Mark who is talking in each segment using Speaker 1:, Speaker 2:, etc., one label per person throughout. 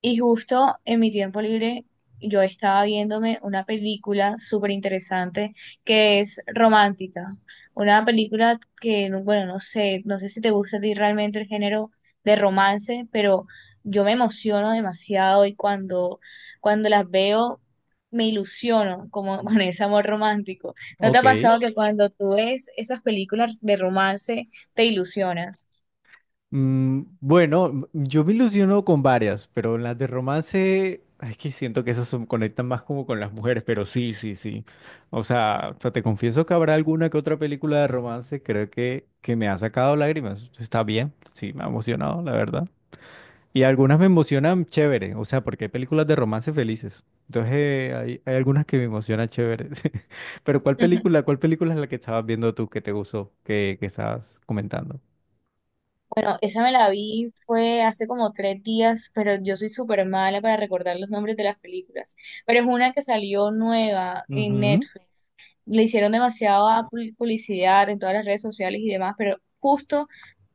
Speaker 1: Y justo en mi tiempo libre yo estaba viéndome una película súper interesante que es romántica. Una película que, bueno, no sé si te gusta a ti realmente el género de romance, pero yo me emociono demasiado y cuando las veo me ilusiono como con ese amor romántico. ¿No te ha
Speaker 2: Ok.
Speaker 1: pasado que cuando tú ves esas películas de romance te ilusionas?
Speaker 2: Bueno, yo me ilusiono con varias, pero las de romance, es que siento que conectan más como con las mujeres, pero sí, sí, sí. O sea, te confieso que habrá alguna que otra película de romance, creo que me ha sacado lágrimas. Está bien, sí, me ha emocionado, la verdad. Y algunas me emocionan chévere, o sea, porque hay películas de romance felices. Entonces, hay algunas que me emocionan chévere. Pero cuál película es la que estabas viendo tú que te gustó, que estabas comentando?
Speaker 1: Bueno, esa me la vi fue hace como 3 días, pero yo soy súper mala para recordar los nombres de las películas. Pero es una que salió nueva en
Speaker 2: Ujú.
Speaker 1: Netflix, le hicieron demasiada publicidad en todas las redes sociales y demás, pero justo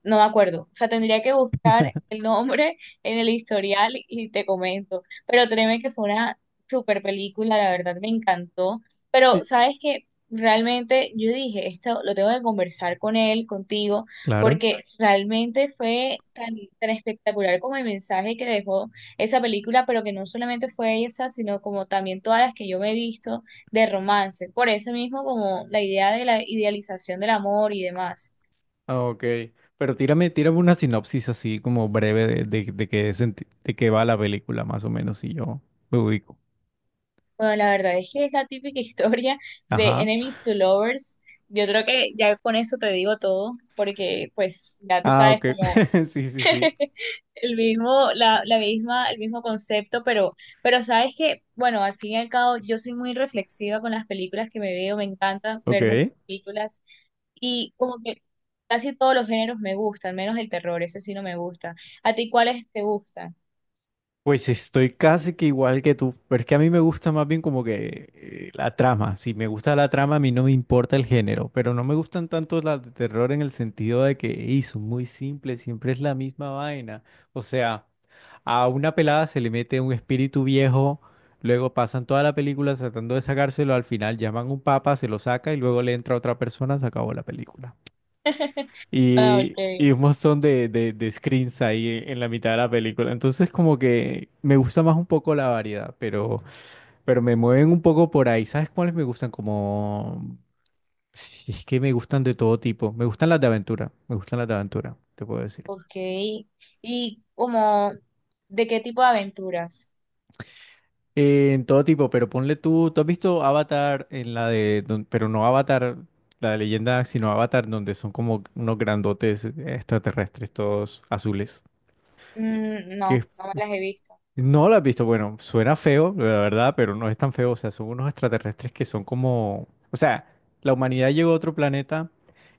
Speaker 1: no me acuerdo. O sea, tendría que buscar el nombre en el historial y te comento. Pero créeme que fue una super película, la verdad me encantó. Pero,
Speaker 2: Sí.
Speaker 1: sabes que realmente yo dije, esto lo tengo que conversar con él, contigo,
Speaker 2: Claro.
Speaker 1: porque realmente fue tan, tan espectacular como el mensaje que dejó esa película, pero que no solamente fue esa, sino como también todas las que yo me he visto de romance, por eso mismo como la idea de la idealización del amor y demás.
Speaker 2: Ah, ok, pero tírame una sinopsis así como breve de de qué va la película más o menos y yo me ubico.
Speaker 1: Bueno, la verdad es que es la típica historia de
Speaker 2: Ajá.
Speaker 1: Enemies to Lovers. Yo creo que ya con eso te digo todo, porque pues ya tú
Speaker 2: Ah,
Speaker 1: sabes
Speaker 2: ok.
Speaker 1: como
Speaker 2: Sí, sí, sí.
Speaker 1: el mismo, la misma, el mismo concepto, pero sabes que, bueno, al fin y al cabo yo soy muy reflexiva con las películas que me veo, me encanta ver
Speaker 2: Ok.
Speaker 1: muchas películas. Y como que casi todos los géneros me gustan, menos el terror, ese sí no me gusta. ¿A ti cuáles te gustan?
Speaker 2: Pues estoy casi que igual que tú, pero es que a mí me gusta más bien como que la trama. Si me gusta la trama, a mí no me importa el género, pero no me gustan tanto las de terror en el sentido de que "Ey, son muy simples, siempre es la misma vaina. O sea, a una pelada se le mete un espíritu viejo, luego pasan toda la película tratando de sacárselo, al final llaman a un papa, se lo saca y luego le entra otra persona, se acabó la película
Speaker 1: Ah,
Speaker 2: y
Speaker 1: ok.
Speaker 2: un montón de screens ahí en la mitad de la película. Entonces como que me gusta más un poco la variedad, pero me mueven un poco por ahí. ¿Sabes cuáles me gustan? Como... si es que me gustan de todo tipo. Me gustan las de aventura. Me gustan las de aventura, te puedo decir.
Speaker 1: Ok. Y como, ¿de qué tipo de aventuras?
Speaker 2: En todo tipo, pero ponle tú, ¿tú has visto Avatar en la pero no Avatar, la de leyenda, sino Avatar donde son como unos grandotes extraterrestres todos azules?
Speaker 1: Mm,
Speaker 2: Que
Speaker 1: no,
Speaker 2: es
Speaker 1: no me las he visto.
Speaker 2: No la has visto. Bueno, suena feo, la verdad, pero no es tan feo. O sea, son unos extraterrestres que son como... O sea, la humanidad llegó a otro planeta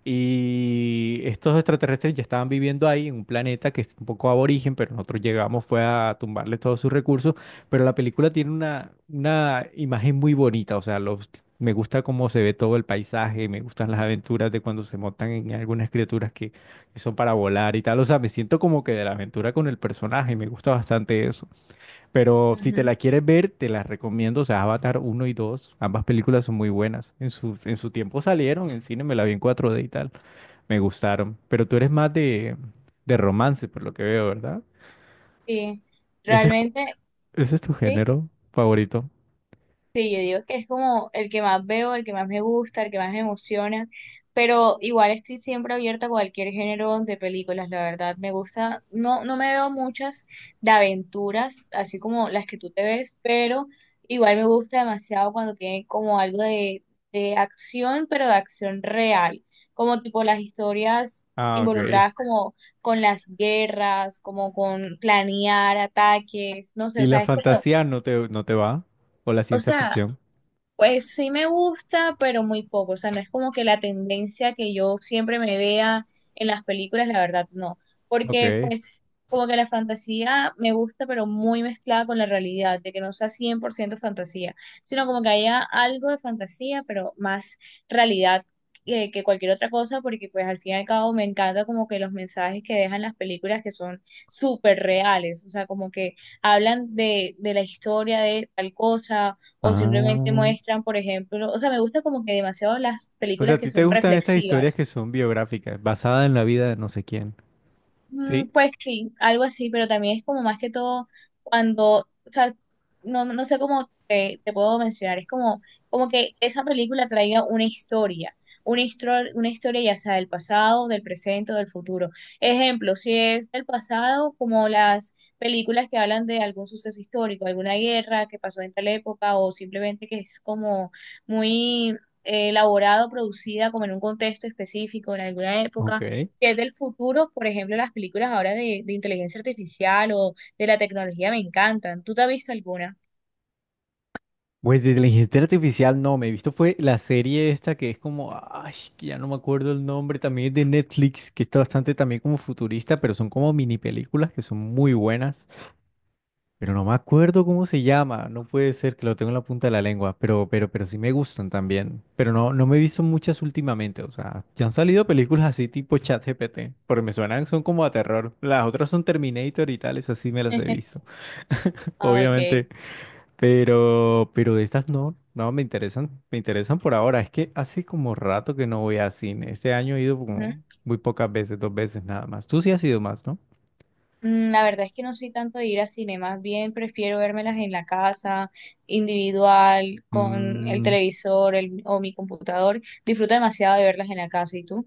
Speaker 2: y estos extraterrestres ya estaban viviendo ahí en un planeta que es un poco aborigen, pero nosotros llegamos fue a tumbarle todos sus recursos. Pero la película tiene una imagen muy bonita. O sea, los... me gusta cómo se ve todo el paisaje, me gustan las aventuras de cuando se montan en algunas criaturas que son para volar y tal. O sea, me siento como que de la aventura con el personaje, me gusta bastante eso. Pero si te
Speaker 1: Ujú.
Speaker 2: la quieres ver, te las recomiendo. O sea, Avatar uno y 2 ambas películas son muy buenas. En su tiempo salieron en cine, me la vi en 4D y tal. Me gustaron. Pero tú eres más de romance, por lo que veo, ¿verdad?
Speaker 1: Sí,
Speaker 2: Ese es, cu-
Speaker 1: realmente,
Speaker 2: ese es tu
Speaker 1: sí.
Speaker 2: género favorito.
Speaker 1: Sí, yo digo que es como el que más veo, el que más me gusta, el que más me emociona, pero igual estoy siempre abierta a cualquier género de películas, la verdad, me gusta, no, no me veo muchas de aventuras, así como las que tú te ves, pero igual me gusta demasiado cuando tiene como algo de acción, pero de acción real, como tipo las historias
Speaker 2: Ah, ok.
Speaker 1: involucradas como con las guerras, como con planear ataques, no sé, o
Speaker 2: ¿Y la
Speaker 1: sea, es como...
Speaker 2: fantasía no te va? ¿O la
Speaker 1: O
Speaker 2: ciencia
Speaker 1: sea,
Speaker 2: ficción?
Speaker 1: pues sí me gusta, pero muy poco. O sea, no es como que la tendencia que yo siempre me vea en las películas, la verdad, no. Porque
Speaker 2: Ok.
Speaker 1: pues como que la fantasía me gusta, pero muy mezclada con la realidad, de que no sea 100% fantasía, sino como que haya algo de fantasía, pero más realidad que cualquier otra cosa, porque pues al fin y al cabo me encanta como que los mensajes que dejan las películas que son súper reales. O sea, como que hablan de la historia de tal cosa o simplemente
Speaker 2: Ah.
Speaker 1: muestran, por ejemplo, o sea, me gusta como que demasiado las
Speaker 2: O sea,
Speaker 1: películas
Speaker 2: ¿a
Speaker 1: que
Speaker 2: ti
Speaker 1: son
Speaker 2: te gustan esas historias
Speaker 1: reflexivas.
Speaker 2: que son biográficas, basadas en la vida de no sé quién?
Speaker 1: Mm,
Speaker 2: Sí.
Speaker 1: pues sí, algo así, pero también es como más que todo cuando, o sea, no sé cómo te puedo mencionar, es como que esa película traiga una historia, una historia ya sea del pasado, del presente o del futuro. Ejemplo, si es del pasado, como las películas que hablan de algún suceso histórico, alguna guerra que pasó en tal época o simplemente que es como muy elaborado, producida como en un contexto específico, en alguna época.
Speaker 2: Ok.
Speaker 1: Que es del futuro, por ejemplo, las películas ahora de inteligencia artificial o de la tecnología me encantan. ¿Tú te has visto alguna?
Speaker 2: Pues de inteligencia artificial no, me he visto fue la serie esta que es como, ay, que ya no me acuerdo el nombre, también es de Netflix, que está bastante también como futurista, pero son como mini películas que son muy buenas, pero no me acuerdo cómo se llama, no puede ser que lo tengo en la punta de la lengua, pero sí me gustan también, pero no, no me he visto muchas últimamente, o sea, ya han salido películas así tipo ChatGPT, porque me suenan, son como a terror, las otras son Terminator y tales, así me las he visto.
Speaker 1: Ah, ok.
Speaker 2: Obviamente, pero de estas no, no me interesan, me interesan por ahora. Es que hace como rato que no voy a cine. Este año he ido como
Speaker 1: Ujú.
Speaker 2: muy pocas veces, 2 veces nada más. Tú sí has ido más, ¿no?
Speaker 1: Mm, la verdad es que no soy tanto de ir a cine, más bien prefiero vérmelas en la casa, individual, con el
Speaker 2: Mm,
Speaker 1: televisor o mi computador. Disfruto demasiado de verlas en la casa. ¿Y tú?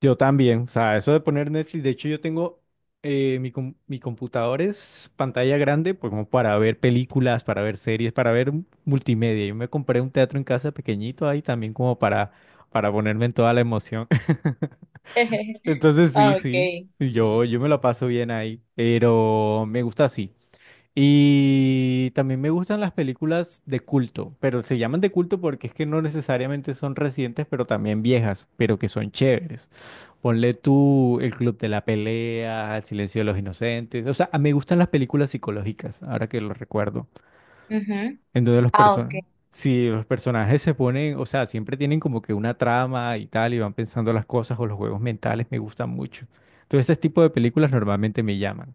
Speaker 2: yo también. O sea, eso de poner Netflix, de hecho yo tengo mi computador es pantalla grande, pues como para ver películas, para ver series, para ver multimedia. Yo me compré un teatro en casa pequeñito ahí también como para ponerme en toda la emoción. Entonces sí,
Speaker 1: Ah, ok.
Speaker 2: sí, yo me la paso bien ahí, pero me gusta así. Y también me gustan las películas de culto, pero se llaman de culto porque es que no necesariamente son recientes, pero también viejas, pero que son chéveres. Ponle tú El Club de la Pelea, El Silencio de los Inocentes, o sea, me gustan las películas psicológicas, ahora que lo recuerdo.
Speaker 1: Ujú.
Speaker 2: Entonces los
Speaker 1: Ah, ok.
Speaker 2: personajes, si los personajes se ponen, o sea, siempre tienen como que una trama y tal, y van pensando las cosas o los juegos mentales me gustan mucho. Entonces ese tipo de películas normalmente me llaman.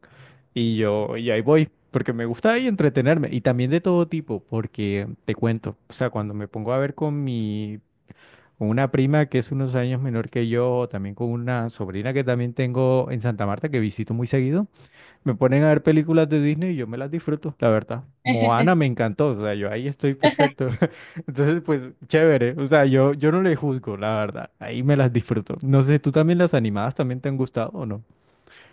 Speaker 2: Y ahí voy, porque me gusta ahí entretenerme. Y también de todo tipo, porque te cuento, o sea, cuando me pongo a ver con una prima que es unos años menor que yo, o también con una sobrina que también tengo en Santa Marta, que visito muy seguido. Me ponen a ver películas de Disney y yo me las disfruto, la verdad. Moana me encantó, o sea, yo ahí estoy perfecto. Entonces, pues, chévere. O sea, yo no le juzgo, la verdad. Ahí me las disfruto. No sé, ¿tú también las animadas también te han gustado o no?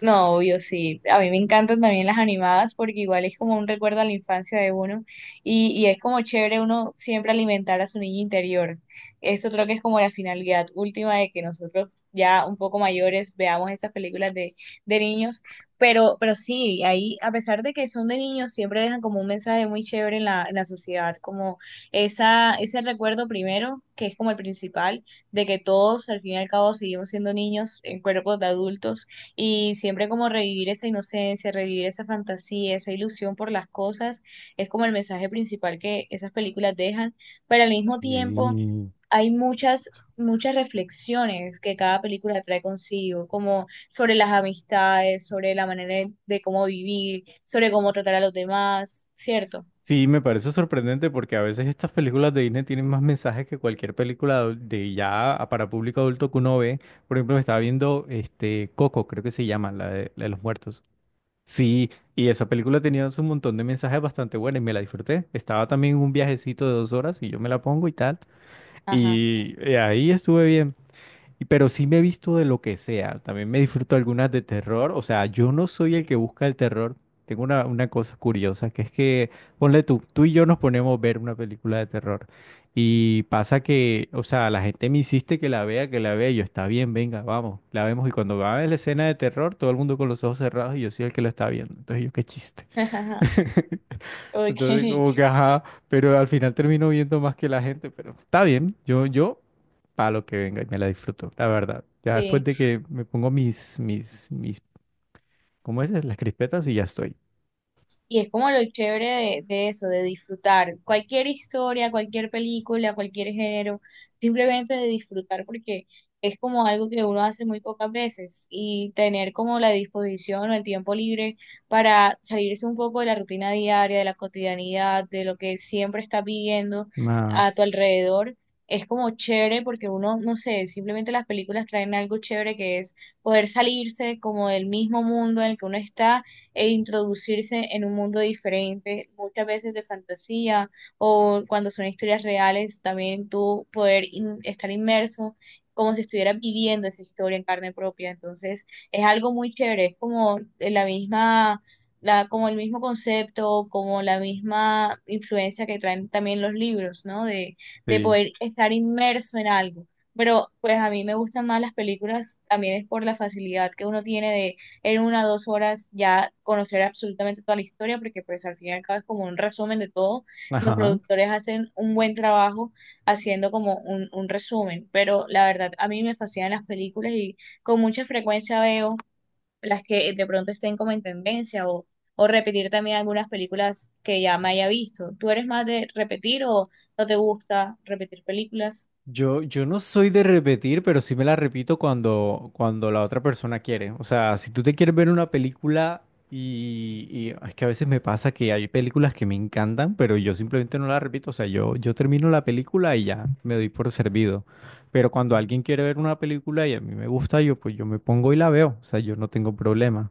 Speaker 1: No, obvio, sí. A mí me encantan también las animadas porque igual es como un recuerdo a la infancia de uno y es como chévere uno siempre alimentar a su niño interior. Esto creo que es como la finalidad última de que nosotros ya un poco mayores veamos esas películas de niños, pero, sí, ahí a pesar de que son de niños, siempre dejan como un mensaje muy chévere en la sociedad, como ese recuerdo primero, que es como el principal, de que todos al fin y al cabo seguimos siendo niños en cuerpos de adultos y siempre como revivir esa inocencia, revivir esa fantasía, esa ilusión por las cosas, es como el mensaje principal que esas películas dejan, pero al mismo tiempo
Speaker 2: Sí.
Speaker 1: hay muchas, muchas reflexiones que cada película trae consigo, como sobre las amistades, sobre la manera de cómo vivir, sobre cómo tratar a los demás, ¿cierto?
Speaker 2: Sí, me parece sorprendente porque a veces estas películas de Disney tienen más mensajes que cualquier película para público adulto que uno ve. Por ejemplo, me estaba viendo este Coco, creo que se llama, la de los muertos. Sí, y esa película tenía un montón de mensajes bastante buenos y me la disfruté. Estaba también en un viajecito de 2 horas y yo me la pongo y tal.
Speaker 1: Ajá.
Speaker 2: Y ahí estuve bien. Pero sí me he visto de lo que sea. También me disfruto algunas de terror. O sea, yo no soy el que busca el terror. Tengo una cosa curiosa, ponle tú, tú y yo nos ponemos a ver una película de terror. Y pasa que, o sea, la gente me insiste que la vea, que la vea. Y yo, está bien, venga, vamos, la vemos. Y cuando va a la escena de terror, todo el mundo con los ojos cerrados y yo soy el que lo está viendo. Entonces yo, qué chiste.
Speaker 1: Ok,
Speaker 2: Entonces, como que, ajá, pero al final termino viendo más que la gente. Pero está bien, yo para lo que venga y me la disfruto, la verdad. Ya después
Speaker 1: sí.
Speaker 2: de que me pongo mis, ¿cómo es? Las crispetas y ya estoy.
Speaker 1: Y es como lo chévere de eso, de disfrutar cualquier historia, cualquier película, cualquier género, simplemente de disfrutar porque es como algo que uno hace muy pocas veces y tener como la disposición o el tiempo libre para salirse un poco de la rutina diaria, de la cotidianidad, de lo que siempre estás viviendo a tu
Speaker 2: Más,
Speaker 1: alrededor. Es como chévere porque uno, no sé, simplemente las películas traen algo chévere que es poder salirse como del mismo mundo en el que uno está e introducirse en un mundo diferente, muchas veces de fantasía o cuando son historias reales, también tú poder estar inmerso como si estuvieras viviendo esa historia en carne propia. Entonces, es algo muy chévere, es como de la misma, la, como el mismo concepto, como la misma influencia que traen también los libros, ¿no? De
Speaker 2: sí.
Speaker 1: poder estar inmerso en algo. Pero pues a mí me gustan más las películas, también es por la facilidad que uno tiene de en 1 o 2 horas ya conocer absolutamente toda la historia, porque pues al fin y al cabo es como un resumen de todo. Los
Speaker 2: Ajá.
Speaker 1: productores hacen un buen trabajo haciendo como un resumen, pero la verdad a mí me fascinan las películas y con mucha frecuencia veo las que de pronto estén como en tendencia o repetir también algunas películas que ya me haya visto. ¿Tú eres más de repetir o no te gusta repetir películas?
Speaker 2: Yo no soy de repetir, pero sí me la repito cuando la otra persona quiere. O sea, si tú te quieres ver una película y es que a veces me pasa que hay películas que me encantan, pero yo simplemente no la repito. O sea, yo termino la película y ya me doy por servido. Pero cuando alguien quiere ver una película y a mí me gusta, yo pues yo me pongo y la veo. O sea, yo no tengo problema.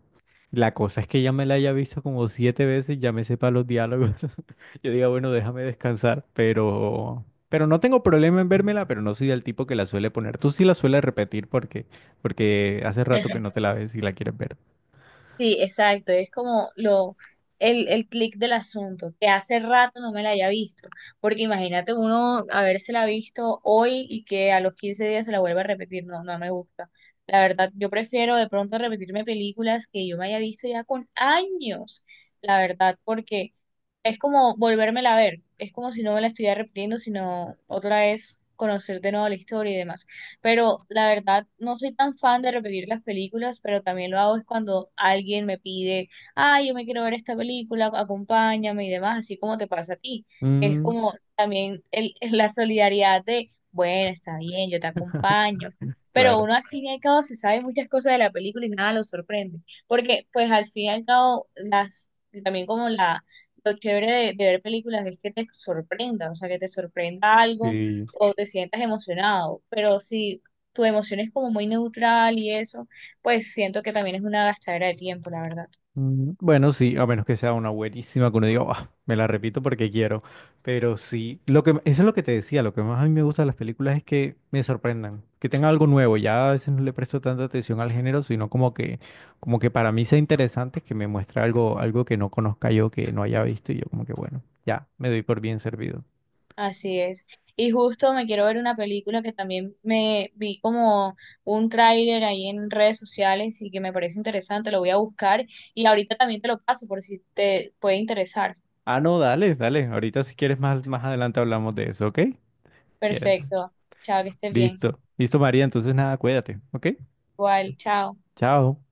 Speaker 2: La cosa es que ya me la haya visto como 7 veces, ya me sepa los diálogos. Yo diga, bueno, déjame descansar, pero... Pero no tengo problema en vérmela, pero no soy del tipo que la suele poner. Tú sí la sueles repetir porque, porque hace rato que no te la ves y la quieres ver.
Speaker 1: Sí, exacto, es como lo, el clic del asunto, que hace rato no me la haya visto, porque imagínate uno habérsela visto hoy y que a los 15 días se la vuelva a repetir, no, no me gusta. La verdad, yo prefiero de pronto repetirme películas que yo me haya visto ya con años, la verdad, porque es como volvérmela a ver, es como si no me la estuviera repitiendo, sino otra vez conocer de nuevo la historia y demás. Pero la verdad, no soy tan fan de repetir las películas, pero también lo hago es cuando alguien me pide, ah, yo me quiero ver esta película, acompáñame y demás, así como te pasa a ti. Es
Speaker 2: Mm,
Speaker 1: como también el, la solidaridad de, bueno, está bien, yo te acompaño. Pero
Speaker 2: claro.
Speaker 1: uno al fin y al cabo se sabe muchas cosas de la película y nada lo sorprende. Porque pues al fin y al cabo, también como lo chévere de ver películas es que te sorprenda, o sea, que te sorprenda algo
Speaker 2: Sí.
Speaker 1: o te sientas emocionado, pero si tu emoción es como muy neutral y eso, pues siento que también es una gastadera de tiempo, la verdad.
Speaker 2: Bueno, sí, a menos que sea una buenísima que uno diga, "Ah, me la repito porque quiero. Pero sí, lo que, eso es lo que te decía, lo que más a mí me gusta de las películas es que me sorprendan, que tenga algo nuevo. Ya a veces no le presto tanta atención al género, sino como que para mí sea interesante que me muestre algo, algo que no conozca yo, que no haya visto, y yo como que bueno, ya, me doy por bien servido.
Speaker 1: Así es. Y justo me quiero ver una película que también me vi como un tráiler ahí en redes sociales y que me parece interesante, lo voy a buscar y ahorita también te lo paso por si te puede interesar.
Speaker 2: Ah, no, dale, dale. Ahorita si quieres más, más adelante hablamos de eso, ¿ok? ¿Quieres?
Speaker 1: Perfecto. Chao, que estés bien.
Speaker 2: Listo. Listo, María. Entonces nada, cuídate, ¿ok?
Speaker 1: Igual, chao.
Speaker 2: Chao.